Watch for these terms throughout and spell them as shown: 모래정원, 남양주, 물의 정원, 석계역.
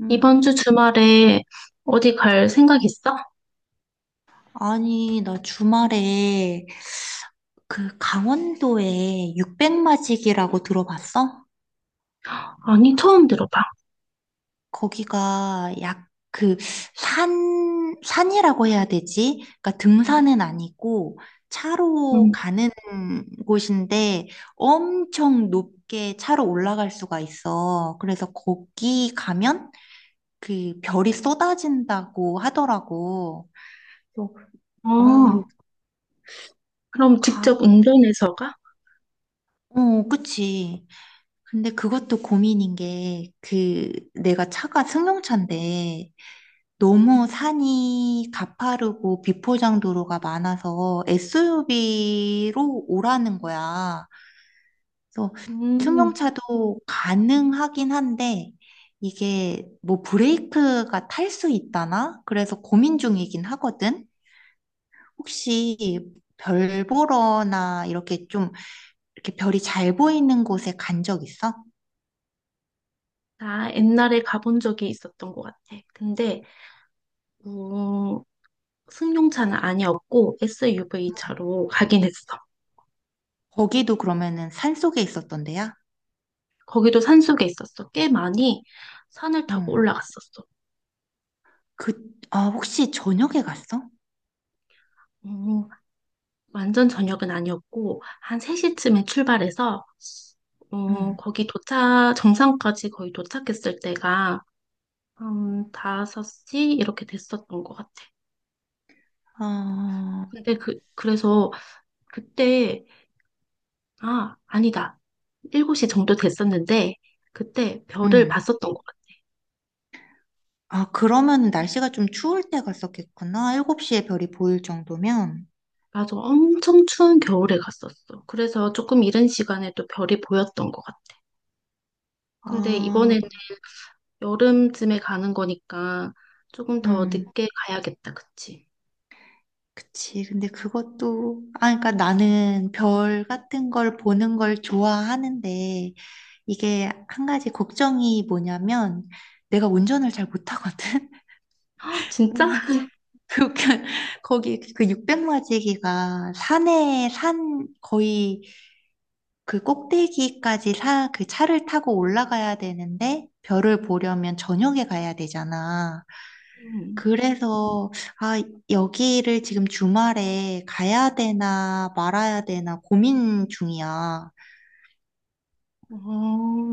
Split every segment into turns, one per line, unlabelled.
음,
이번 주 주말에 어디 갈 생각 있어?
아니, 나 주말에 그 강원도에 육백마지기라고 들어봤어?
아니, 처음 들어봐.
거기가 약 그 산이라고 해야 되지? 그러니까 등산은 아니고 차로
음.
가는 곳인데 엄청 높게 차로 올라갈 수가 있어. 그래서 거기 가면 그 별이 쏟아진다고 하더라고. 그래서 아,
어,
여기
그럼
가,
직접 운전해서 가?
어, 그치. 근데 그것도 고민인 게, 그, 내가 차가 승용차인데, 너무 산이 가파르고 비포장 도로가 많아서 SUV로 오라는 거야. 그래서
음,
승용차도 가능하긴 한데, 이게 뭐 브레이크가 탈 수 있다나? 그래서 고민 중이긴 하거든? 혹시 별 보러나 이렇게 좀, 이렇게 별이 잘 보이는 곳에 간 적 있어?
나 옛날에 가본 적이 있었던 것 같아. 근데, 음, 승용차는 아니었고, SUV 차로 가긴 했어.
거기도 그러면은 산속에 있었던데야?
거기도 산속에 있었어. 꽤 많이 산을 타고
응.
올라갔었어.
그, 혹시 저녁에 갔어?
음, 완전 저녁은 아니었고, 한 3시쯤에 출발해서,
응.
거기 도착, 정상까지 거의 도착했을 때가 한 5시 이렇게 됐었던 것 같아.
아,
근데 그래서 그때, 아, 아니다. 7시 정도 됐었는데, 그때 별을
응.
봤었던 것 같아.
아, 그러면 날씨가 좀 추울 때 갔었겠구나. 7시에 별이 보일 정도면.
맞아. 엄청 추운 겨울에 갔었어. 그래서 조금 이른 시간에 또 별이 보였던 것 같아. 근데
아,
이번엔 여름쯤에 가는 거니까 조금 더
응.
늦게 가야겠다. 그치?
그치. 그러니까 나는 별 같은 걸 보는 걸 좋아하는데, 이게 한 가지 걱정이 뭐냐면, 내가 운전을 잘 못하거든?
아, 진짜?
근데 그, 그, 거기 그 육백마지기가 산 거의 그 꼭대기까지 사, 그 차를 타고 올라가야 되는데 별을 보려면 저녁에 가야 되잖아.
음.
그래서, 아, 여기를 지금 주말에 가야 되나 말아야 되나 고민 중이야.
어,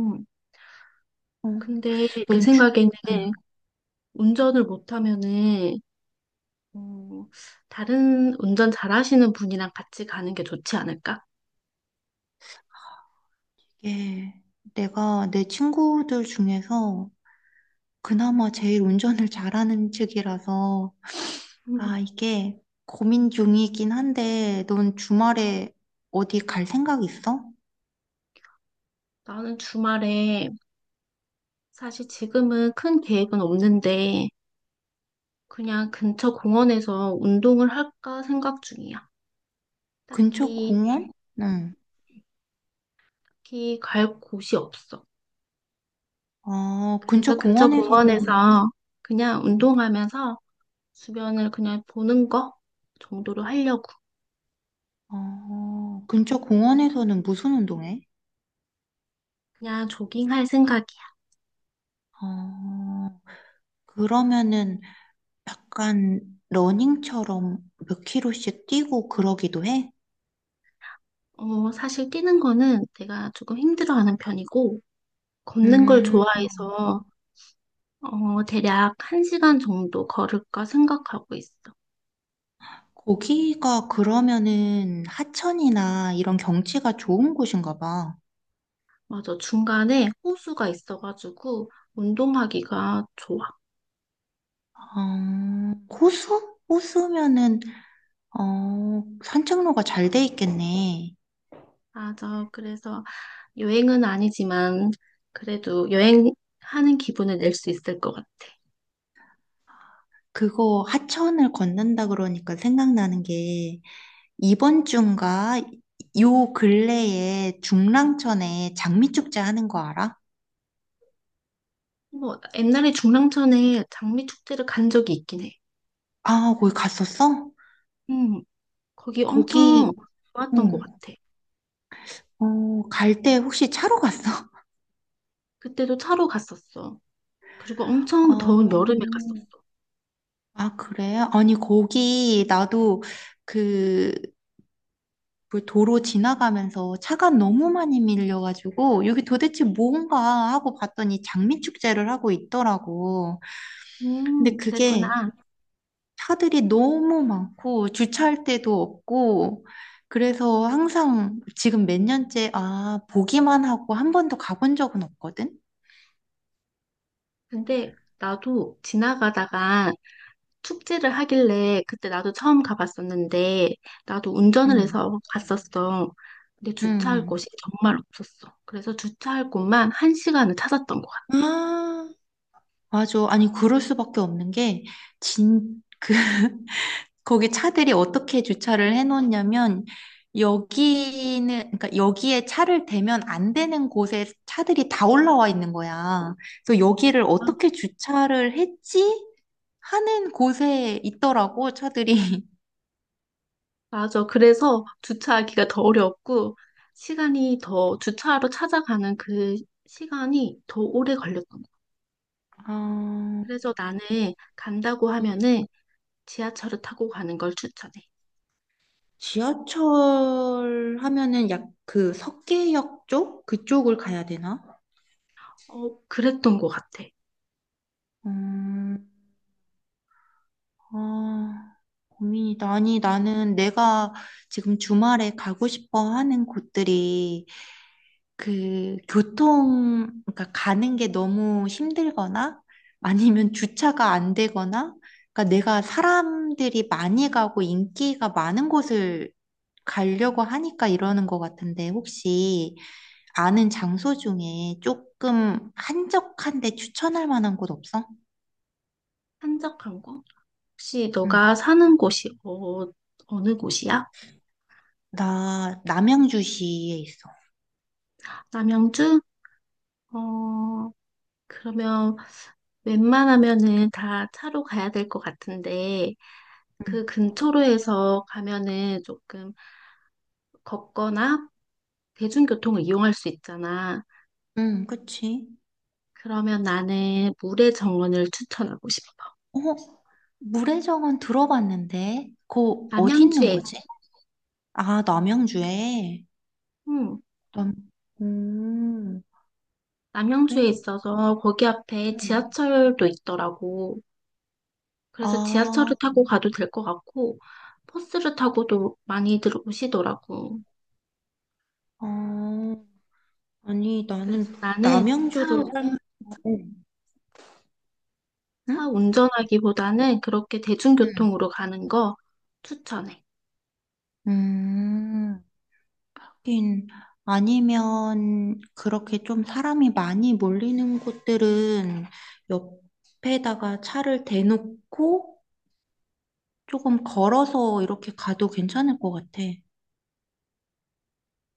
어,
근데 내
넌
생각에는
음,
운전을 못하면은 어, 다른 운전 잘하시는 분이랑 같이 가는 게 좋지 않을까?
이게 내가 내 친구들 중에서 그나마 제일 운전을 잘하는 측이라서
음,
이게 고민 중이긴 한데, 넌 주말에 어디 갈 생각 있어?
나는 주말에 사실 지금은 큰 계획은 없는데 그냥 근처 공원에서 운동을 할까 생각 중이야.
근처
딱히,
공원? 응.
딱히 갈 곳이 없어.
어, 근처
그래서 근처
공원에서는,
공원에서 그냥 운동하면서 주변을 그냥 보는 거 정도로 하려고.
어, 근처 공원에서는 무슨 운동해?
그냥 조깅할 생각이야.
어, 그러면은 약간 러닝처럼 몇 킬로씩 뛰고 그러기도 해?
어, 사실 뛰는 거는 내가 조금 힘들어하는 편이고 걷는 걸
음,
좋아해서 대략 한 시간 정도 걸을까 생각하고 있어.
거기가 그러면은 하천이나 이런 경치가 좋은 곳인가 봐.
맞아. 중간에 호수가 있어가지고 운동하기가 좋아.
어, 호수? 호수면은 어, 산책로가 잘 돼 있겠네.
맞아. 그래서 여행은 아니지만 그래도 여행하는 기분을 낼 수 있을 것 같아.
그거 하천을 걷는다 그러니까 생각나는 게 이번 주인가 요 근래에 중랑천에 장미축제 하는 거 알아?
뭐 옛날에 중랑천에 장미 축제를 간 적이 있긴 해.
아, 거기 갔었어?
음, 거기
거기
엄청
어,
좋았던 것 같아.
어, 갈 때 혹시 차로 갔어?
그때도 차로 갔었어. 그리고 엄청 더운
어,
여름에 갔었어.
아, 그래? 아니 거기 나도 그 뭘 도로 지나가면서 차가 너무 많이 밀려가지고 여기 도대체 뭔가 하고 봤더니 장미축제를 하고 있더라고. 근데
그랬구나.
그게 차들이 너무 많고 주차할 데도 없고 그래서 항상 지금 몇 년째 아 보기만 하고 한 번도 가본 적은 없거든.
근데 나도 지나가다가 축제를 하길래 그때 나도 처음 가봤었는데 나도 운전을
응,
해서 갔었어. 근데 주차할
응,
곳이 정말 없었어. 그래서 주차할 곳만 한 시간을 찾았던 것 같아.
응. 아, 맞아. 아니 그럴 수밖에 없는 게진그 거기 차들이 어떻게 주차를 해놓냐면 여기는 그러니까 여기에 차를 대면 안 되는 곳에 차들이 다 올라와 있는 거야. 그래서 여기를
아,
어떻게 주차를 했지? 하는 곳에 있더라고 차들이.
맞아. 그래서 주차하기가 더 어려웠고 시간이 더 주차하러 찾아가는 그 시간이 더 오래 걸렸던 것 같아.
아,
그래서 나는 간다고
음.
하면은 지하철을 타고 가는 걸 추천해.
지하철 하면은 약 그 석계역 쪽 그쪽을 가야 되나?
어, 그랬던 것 같아.
음, 아, 고민이다. 아니, 나는 내가 지금 주말에 가고 싶어 하는 곳들이 그 교통, 그러니까 가는 게 너무 힘들거나 아니면 주차가 안 되거나 그러니까 내가 사람들이 많이 가고 인기가 많은 곳을 가려고 하니까 이러는 것 같은데 혹시 아는 장소 중에 조금 한적한데 추천할 만한 곳 없어?
한적한 곳? 혹시
응.
너가 사는 곳이 어느 곳이야?
나 남양주시에 있어.
남양주? 어, 그러면 웬만하면은 다 차로 가야 될 것 같은데
응.
그 근처로 해서 가면은 조금 걷거나 대중교통을 이용할 수 있잖아.
응, 그치.
그러면 나는 물의 정원을 추천하고 싶어.
어, 물의 정원 들어봤는데, 그거 어디 있는
남양주에,
거지? 아, 남양주에.
음,
남, 음,
남양주에
물의
있어서 거기 앞에
정원.
지하철도 있더라고. 그래서
아,
지하철을 타고 가도 될 것 같고, 버스를 타고도 많이들 오시더라고.
어, 아니, 나는
그래서 나는
남양주를 살면, 응? 응,
차 운전하기보다는 그렇게
응.
대중교통으로 가는 거 추천해.
음, 하긴, 아니면, 그렇게 좀 사람이 많이 몰리는 곳들은 옆에다가 차를 대놓고, 조금 걸어서 이렇게 가도 괜찮을 것 같아.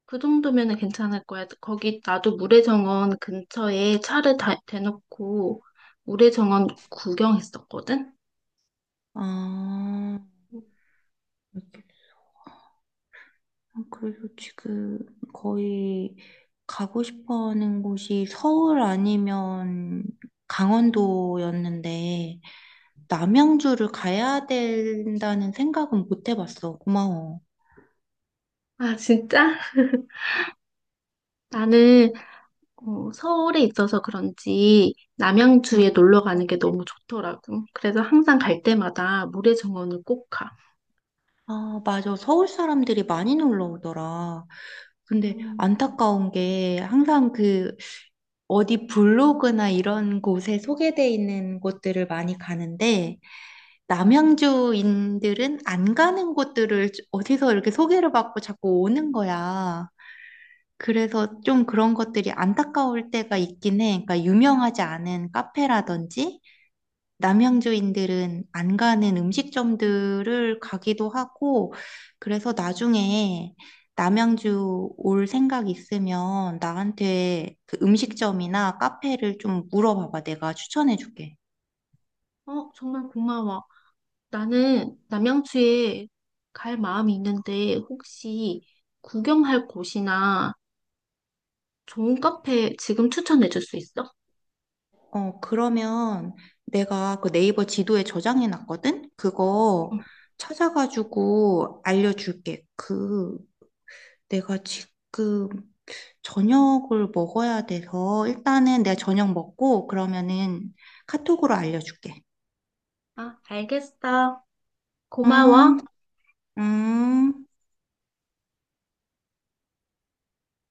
그 정도면 은 괜찮을 거야. 거기 나도 모래정원 근처에 차를 대놓고 모래정원 구경했었거든?
아, 이렇게. 그래서 지금 거의 가고 싶어 하는 곳이 서울 아니면 강원도였는데, 남양주를 가야 된다는 생각은 못 해봤어. 고마워.
아, 진짜? 나는 어, 서울에 있어서 그런지
응.
남양주에 놀러 가는 게 너무 좋더라고. 그래서 항상 갈 때마다 물의 정원을 꼭 가.
아, 맞아. 서울 사람들이 많이 놀러 오더라. 근데
음,
안타까운 게 항상 그 어디 블로그나 이런 곳에 소개돼 있는 곳들을 많이 가는데, 남양주인들은 안 가는 곳들을 어디서 이렇게 소개를 받고 자꾸 오는 거야. 그래서 좀 그런 것들이 안타까울 때가 있긴 해. 그러니까 유명하지 않은 카페라든지 남양주인들은 안 가는 음식점들을 가기도 하고 그래서 나중에 남양주 올 생각 있으면 나한테 그 음식점이나 카페를 좀 물어봐봐. 내가 추천해줄게.
어, 정말 고마워. 나는 남양주에 갈 마음이 있는데 혹시 구경할 곳이나 좋은 카페 지금 추천해 줄 수 있어?
어, 그러면 내가 그 네이버 지도에 저장해 놨거든? 그거
응.
찾아가지고 알려줄게. 그, 내가 지금 저녁을 먹어야 돼서 일단은 내가 저녁 먹고 그러면은 카톡으로 알려줄게.
아, 알겠어. 고마워.
음, 음.